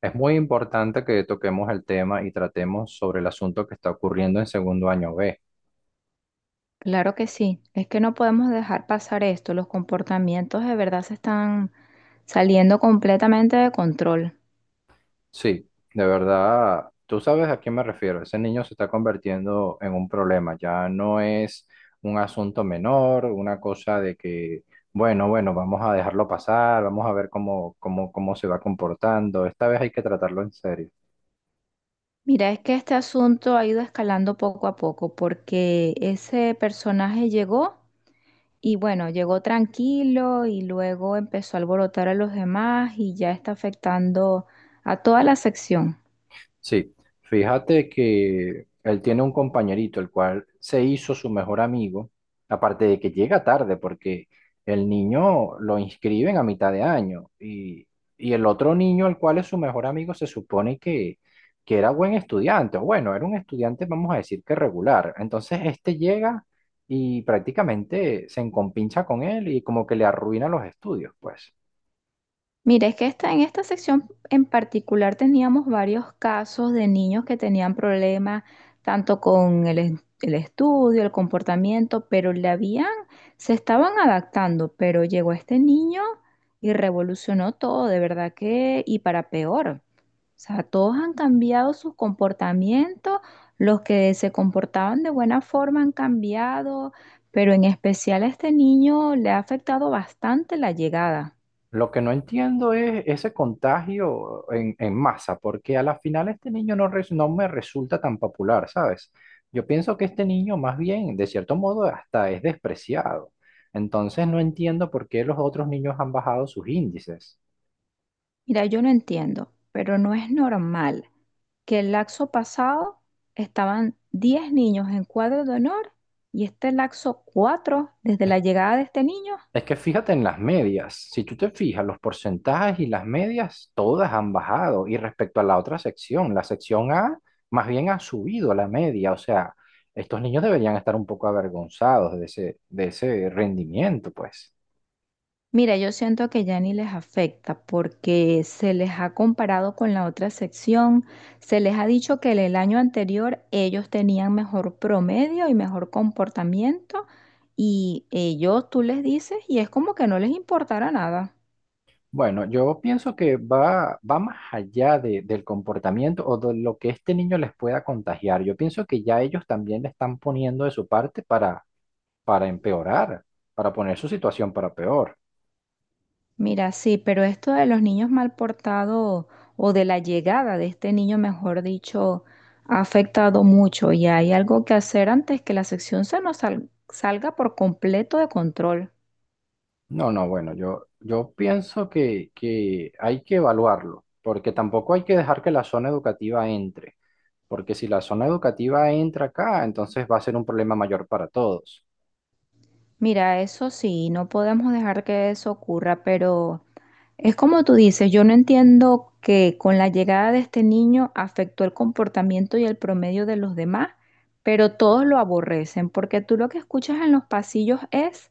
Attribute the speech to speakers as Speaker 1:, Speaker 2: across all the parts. Speaker 1: Es muy importante que toquemos el tema y tratemos sobre el asunto que está ocurriendo en segundo año B.
Speaker 2: Claro que sí, es que no podemos dejar pasar esto, los comportamientos de verdad se están saliendo completamente de control.
Speaker 1: Sí, de verdad, tú sabes a quién me refiero. Ese niño se está convirtiendo en un problema. Ya no es un asunto menor, una cosa de que, bueno, vamos a dejarlo pasar, vamos a ver cómo, cómo se va comportando. Esta vez hay que tratarlo en serio.
Speaker 2: Mira, es que este asunto ha ido escalando poco a poco porque ese personaje llegó y bueno, llegó tranquilo y luego empezó a alborotar a los demás y ya está afectando a toda la sección.
Speaker 1: Sí, fíjate que él tiene un compañerito, el cual se hizo su mejor amigo, aparte de que llega tarde, porque el niño lo inscriben a mitad de año y el otro niño, el cual es su mejor amigo, se supone que era buen estudiante, o bueno, era un estudiante, vamos a decir que regular. Entonces este llega y prácticamente se encompincha con él y como que le arruina los estudios, pues.
Speaker 2: Mira, es que en esta sección en particular teníamos varios casos de niños que tenían problemas tanto con el estudio, el comportamiento, pero se estaban adaptando, pero llegó este niño y revolucionó todo, de verdad que, y para peor. O sea, todos han cambiado sus comportamientos, los que se comportaban de buena forma han cambiado, pero en especial a este niño le ha afectado bastante la llegada.
Speaker 1: Lo que no entiendo es ese contagio en masa, porque a la final este niño no, no me resulta tan popular, ¿sabes? Yo pienso que este niño más bien, de cierto modo, hasta es despreciado. Entonces no entiendo por qué los otros niños han bajado sus índices.
Speaker 2: Mira, yo no entiendo, pero no es normal que el laxo pasado estaban 10 niños en cuadro de honor y este laxo 4 desde la llegada de este niño.
Speaker 1: Es que fíjate en las medias, si tú te fijas, los porcentajes y las medias, todas han bajado. Y respecto a la otra sección, la sección A más bien ha subido la media. O sea, estos niños deberían estar un poco avergonzados de ese rendimiento, pues.
Speaker 2: Mira, yo siento que ya ni les afecta porque se les ha comparado con la otra sección, se les ha dicho que en el año anterior ellos tenían mejor promedio y mejor comportamiento y ellos tú les dices y es como que no les importara nada.
Speaker 1: Bueno, yo pienso que va más allá del comportamiento o de lo que este niño les pueda contagiar. Yo pienso que ya ellos también le están poniendo de su parte para empeorar, para poner su situación para peor.
Speaker 2: Mira, sí, pero esto de los niños mal portados o de la llegada de este niño, mejor dicho, ha afectado mucho y hay algo que hacer antes que la sección se nos salga por completo de control.
Speaker 1: No, no, bueno, yo pienso que hay que evaluarlo, porque tampoco hay que dejar que la zona educativa entre, porque si la zona educativa entra acá, entonces va a ser un problema mayor para todos.
Speaker 2: Mira, eso sí, no podemos dejar que eso ocurra, pero es como tú dices. Yo no entiendo que con la llegada de este niño afectó el comportamiento y el promedio de los demás, pero todos lo aborrecen, porque tú lo que escuchas en los pasillos es: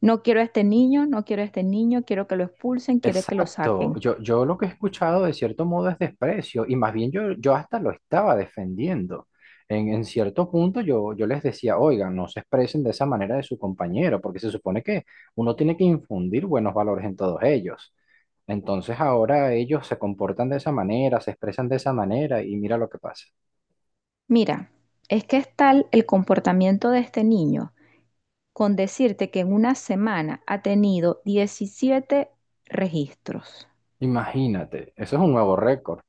Speaker 2: no quiero a este niño, no quiero a este niño, quiero que lo expulsen, quiero que lo
Speaker 1: Exacto,
Speaker 2: saquen.
Speaker 1: yo lo que he escuchado de cierto modo es desprecio y más bien yo, yo hasta lo estaba defendiendo. En cierto punto yo les decía, oigan, no se expresen de esa manera de su compañero, porque se supone que uno tiene que infundir buenos valores en todos ellos. Entonces ahora ellos se comportan de esa manera, se expresan de esa manera y mira lo que pasa.
Speaker 2: Mira, es que es tal el comportamiento de este niño, con decirte que en una semana ha tenido 17 registros.
Speaker 1: Imagínate, eso es un nuevo récord.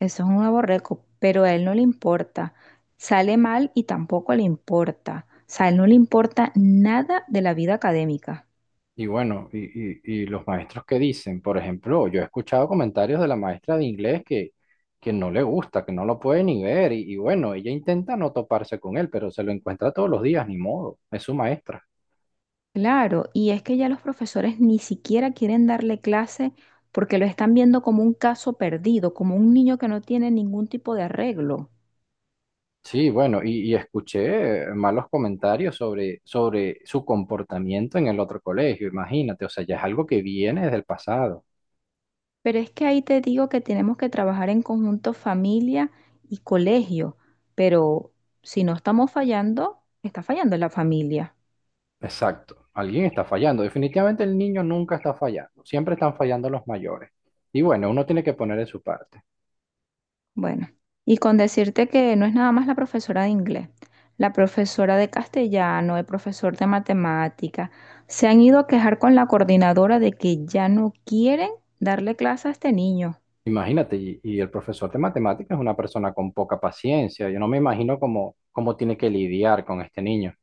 Speaker 2: Eso es un aborreco, pero a él no le importa. Sale mal y tampoco le importa. O sea, a él no le importa nada de la vida académica.
Speaker 1: Y bueno, y los maestros que dicen, por ejemplo, yo he escuchado comentarios de la maestra de inglés que no le gusta, que no lo puede ni ver, y bueno, ella intenta no toparse con él, pero se lo encuentra todos los días, ni modo, es su maestra.
Speaker 2: Claro, y es que ya los profesores ni siquiera quieren darle clase porque lo están viendo como un caso perdido, como un niño que no tiene ningún tipo de arreglo.
Speaker 1: Sí, bueno, y escuché malos comentarios sobre, sobre su comportamiento en el otro colegio, imagínate, o sea, ya es algo que viene desde el pasado.
Speaker 2: Pero es que ahí te digo que tenemos que trabajar en conjunto familia y colegio, pero si no estamos fallando, está fallando la familia.
Speaker 1: Exacto, alguien está fallando, definitivamente el niño nunca está fallando, siempre están fallando los mayores. Y bueno, uno tiene que poner de su parte.
Speaker 2: Bueno, y con decirte que no es nada más la profesora de inglés, la profesora de castellano, el profesor de matemática, se han ido a quejar con la coordinadora de que ya no quieren darle clase a este niño.
Speaker 1: Imagínate, y el profesor de matemáticas es una persona con poca paciencia. Yo no me imagino cómo, cómo tiene que lidiar con este niño.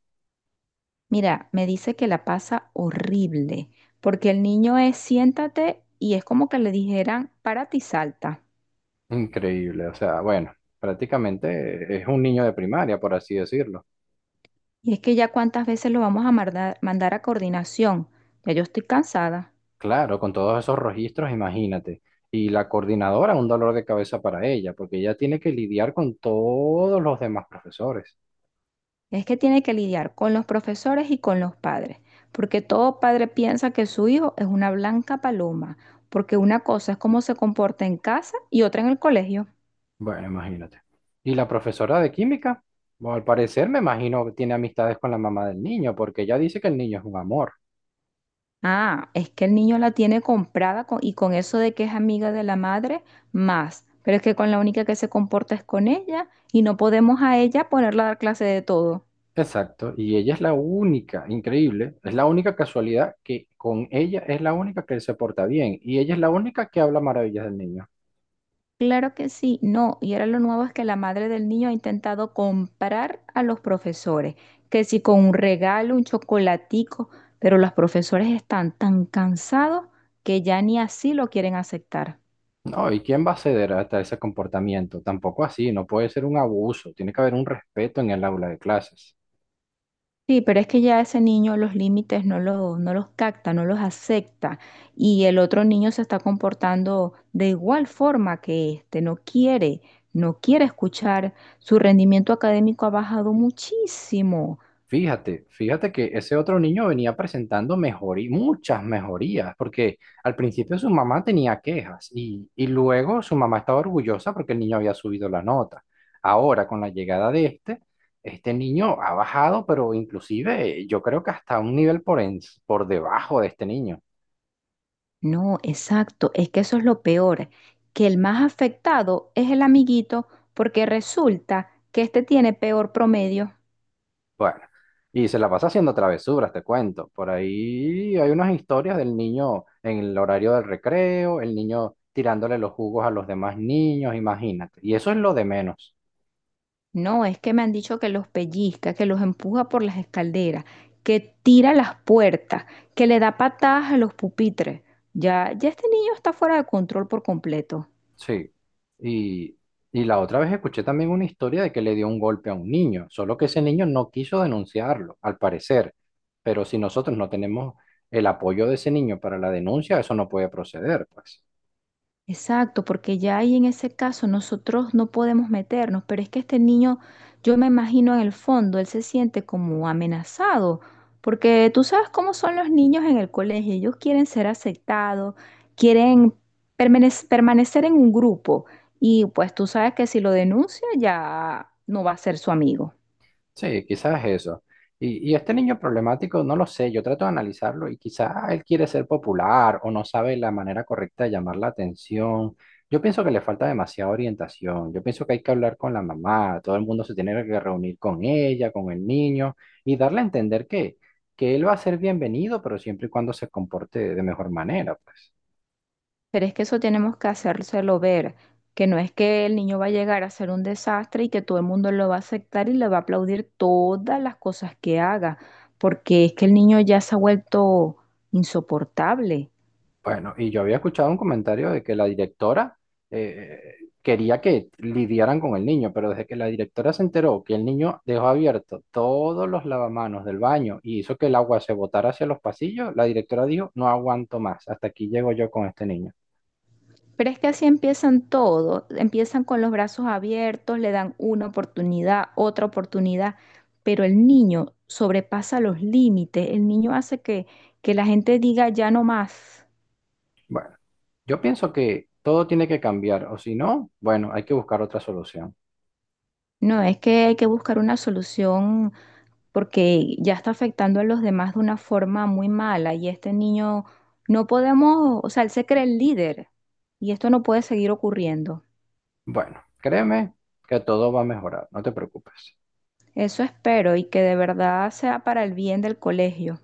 Speaker 2: Mira, me dice que la pasa horrible, porque el niño es siéntate y es como que le dijeran párate y salta.
Speaker 1: Increíble, o sea, bueno, prácticamente es un niño de primaria, por así decirlo.
Speaker 2: Y es que ya cuántas veces lo vamos a mandar a coordinación, ya yo estoy cansada.
Speaker 1: Claro, con todos esos registros, imagínate. Y la coordinadora, un dolor de cabeza para ella, porque ella tiene que lidiar con todos los demás profesores.
Speaker 2: Es que tiene que lidiar con los profesores y con los padres, porque todo padre piensa que su hijo es una blanca paloma, porque una cosa es cómo se comporta en casa y otra en el colegio.
Speaker 1: Bueno, imagínate. Y la profesora de química, bueno, al parecer me imagino que tiene amistades con la mamá del niño, porque ella dice que el niño es un amor.
Speaker 2: Ah, es que el niño la tiene comprada con eso de que es amiga de la madre, más, pero es que con la única que se comporta es con ella y no podemos a ella ponerla a dar clase de todo.
Speaker 1: Exacto, y ella es la única, increíble, es la única casualidad que con ella es la única que se porta bien y ella es la única que habla maravillas del niño.
Speaker 2: Claro que sí, no, y ahora lo nuevo es que la madre del niño ha intentado comprar a los profesores, que si con un regalo, un chocolatico, pero los profesores están tan cansados que ya ni así lo quieren aceptar.
Speaker 1: No, ¿y quién va a ceder hasta ese comportamiento? Tampoco así, no puede ser un abuso, tiene que haber un respeto en el aula de clases.
Speaker 2: Sí, pero es que ya ese niño los límites no los capta, no los acepta, y el otro niño se está comportando de igual forma que este, no quiere escuchar, su rendimiento académico ha bajado muchísimo.
Speaker 1: Fíjate, fíjate que ese otro niño venía presentando muchas mejorías, porque al principio su mamá tenía quejas y luego su mamá estaba orgullosa porque el niño había subido la nota. Ahora, con la llegada de este, este niño ha bajado, pero inclusive yo creo que hasta un nivel por, por debajo de este niño.
Speaker 2: No, exacto, es que eso es lo peor, que el más afectado es el amiguito porque resulta que este tiene peor promedio.
Speaker 1: Bueno, y se la pasa haciendo travesuras, te cuento. Por ahí hay unas historias del niño en el horario del recreo, el niño tirándole los jugos a los demás niños, imagínate. Y eso es lo de menos.
Speaker 2: No, es que me han dicho que los pellizca, que los empuja por las escaleras, que tira las puertas, que le da patadas a los pupitres. Ya, ya este niño está fuera de control por completo.
Speaker 1: Sí. Y, y la otra vez escuché también una historia de que le dio un golpe a un niño, solo que ese niño no quiso denunciarlo, al parecer. Pero si nosotros no tenemos el apoyo de ese niño para la denuncia, eso no puede proceder, pues.
Speaker 2: Exacto, porque ya ahí en ese caso nosotros no podemos meternos, pero es que este niño, yo me imagino en el fondo, él se siente como amenazado, porque tú sabes cómo son los niños en el colegio, ellos quieren ser aceptados, quieren permanecer en un grupo y pues tú sabes que si lo denuncia ya no va a ser su amigo.
Speaker 1: Sí, quizás eso. Y este niño problemático, no lo sé, yo trato de analizarlo y quizás él quiere ser popular o no sabe la manera correcta de llamar la atención. Yo pienso que le falta demasiada orientación. Yo pienso que hay que hablar con la mamá, todo el mundo se tiene que reunir con ella, con el niño y darle a entender que él va a ser bienvenido, pero siempre y cuando se comporte de mejor manera, pues.
Speaker 2: Pero es que eso tenemos que hacérselo ver, que no es que el niño va a llegar a ser un desastre y que todo el mundo lo va a aceptar y le va a aplaudir todas las cosas que haga, porque es que el niño ya se ha vuelto insoportable.
Speaker 1: Bueno, y yo había escuchado un comentario de que la directora eh, quería que lidiaran con el niño, pero desde que la directora se enteró que el niño dejó abierto todos los lavamanos del baño y hizo que el agua se botara hacia los pasillos, la directora dijo, no aguanto más, hasta aquí llego yo con este niño.
Speaker 2: Pero es que así empiezan todos, empiezan con los brazos abiertos, le dan una oportunidad, otra oportunidad, pero el niño sobrepasa los límites, el niño hace que la gente diga ya no más.
Speaker 1: Bueno, yo pienso que todo tiene que cambiar, o si no, bueno, hay que buscar otra solución.
Speaker 2: No, es que hay que buscar una solución porque ya está afectando a los demás de una forma muy mala y este niño no podemos, o sea, él se cree el líder y esto no puede seguir ocurriendo.
Speaker 1: Bueno, créeme que todo va a mejorar, no te preocupes.
Speaker 2: Eso espero y que de verdad sea para el bien del colegio.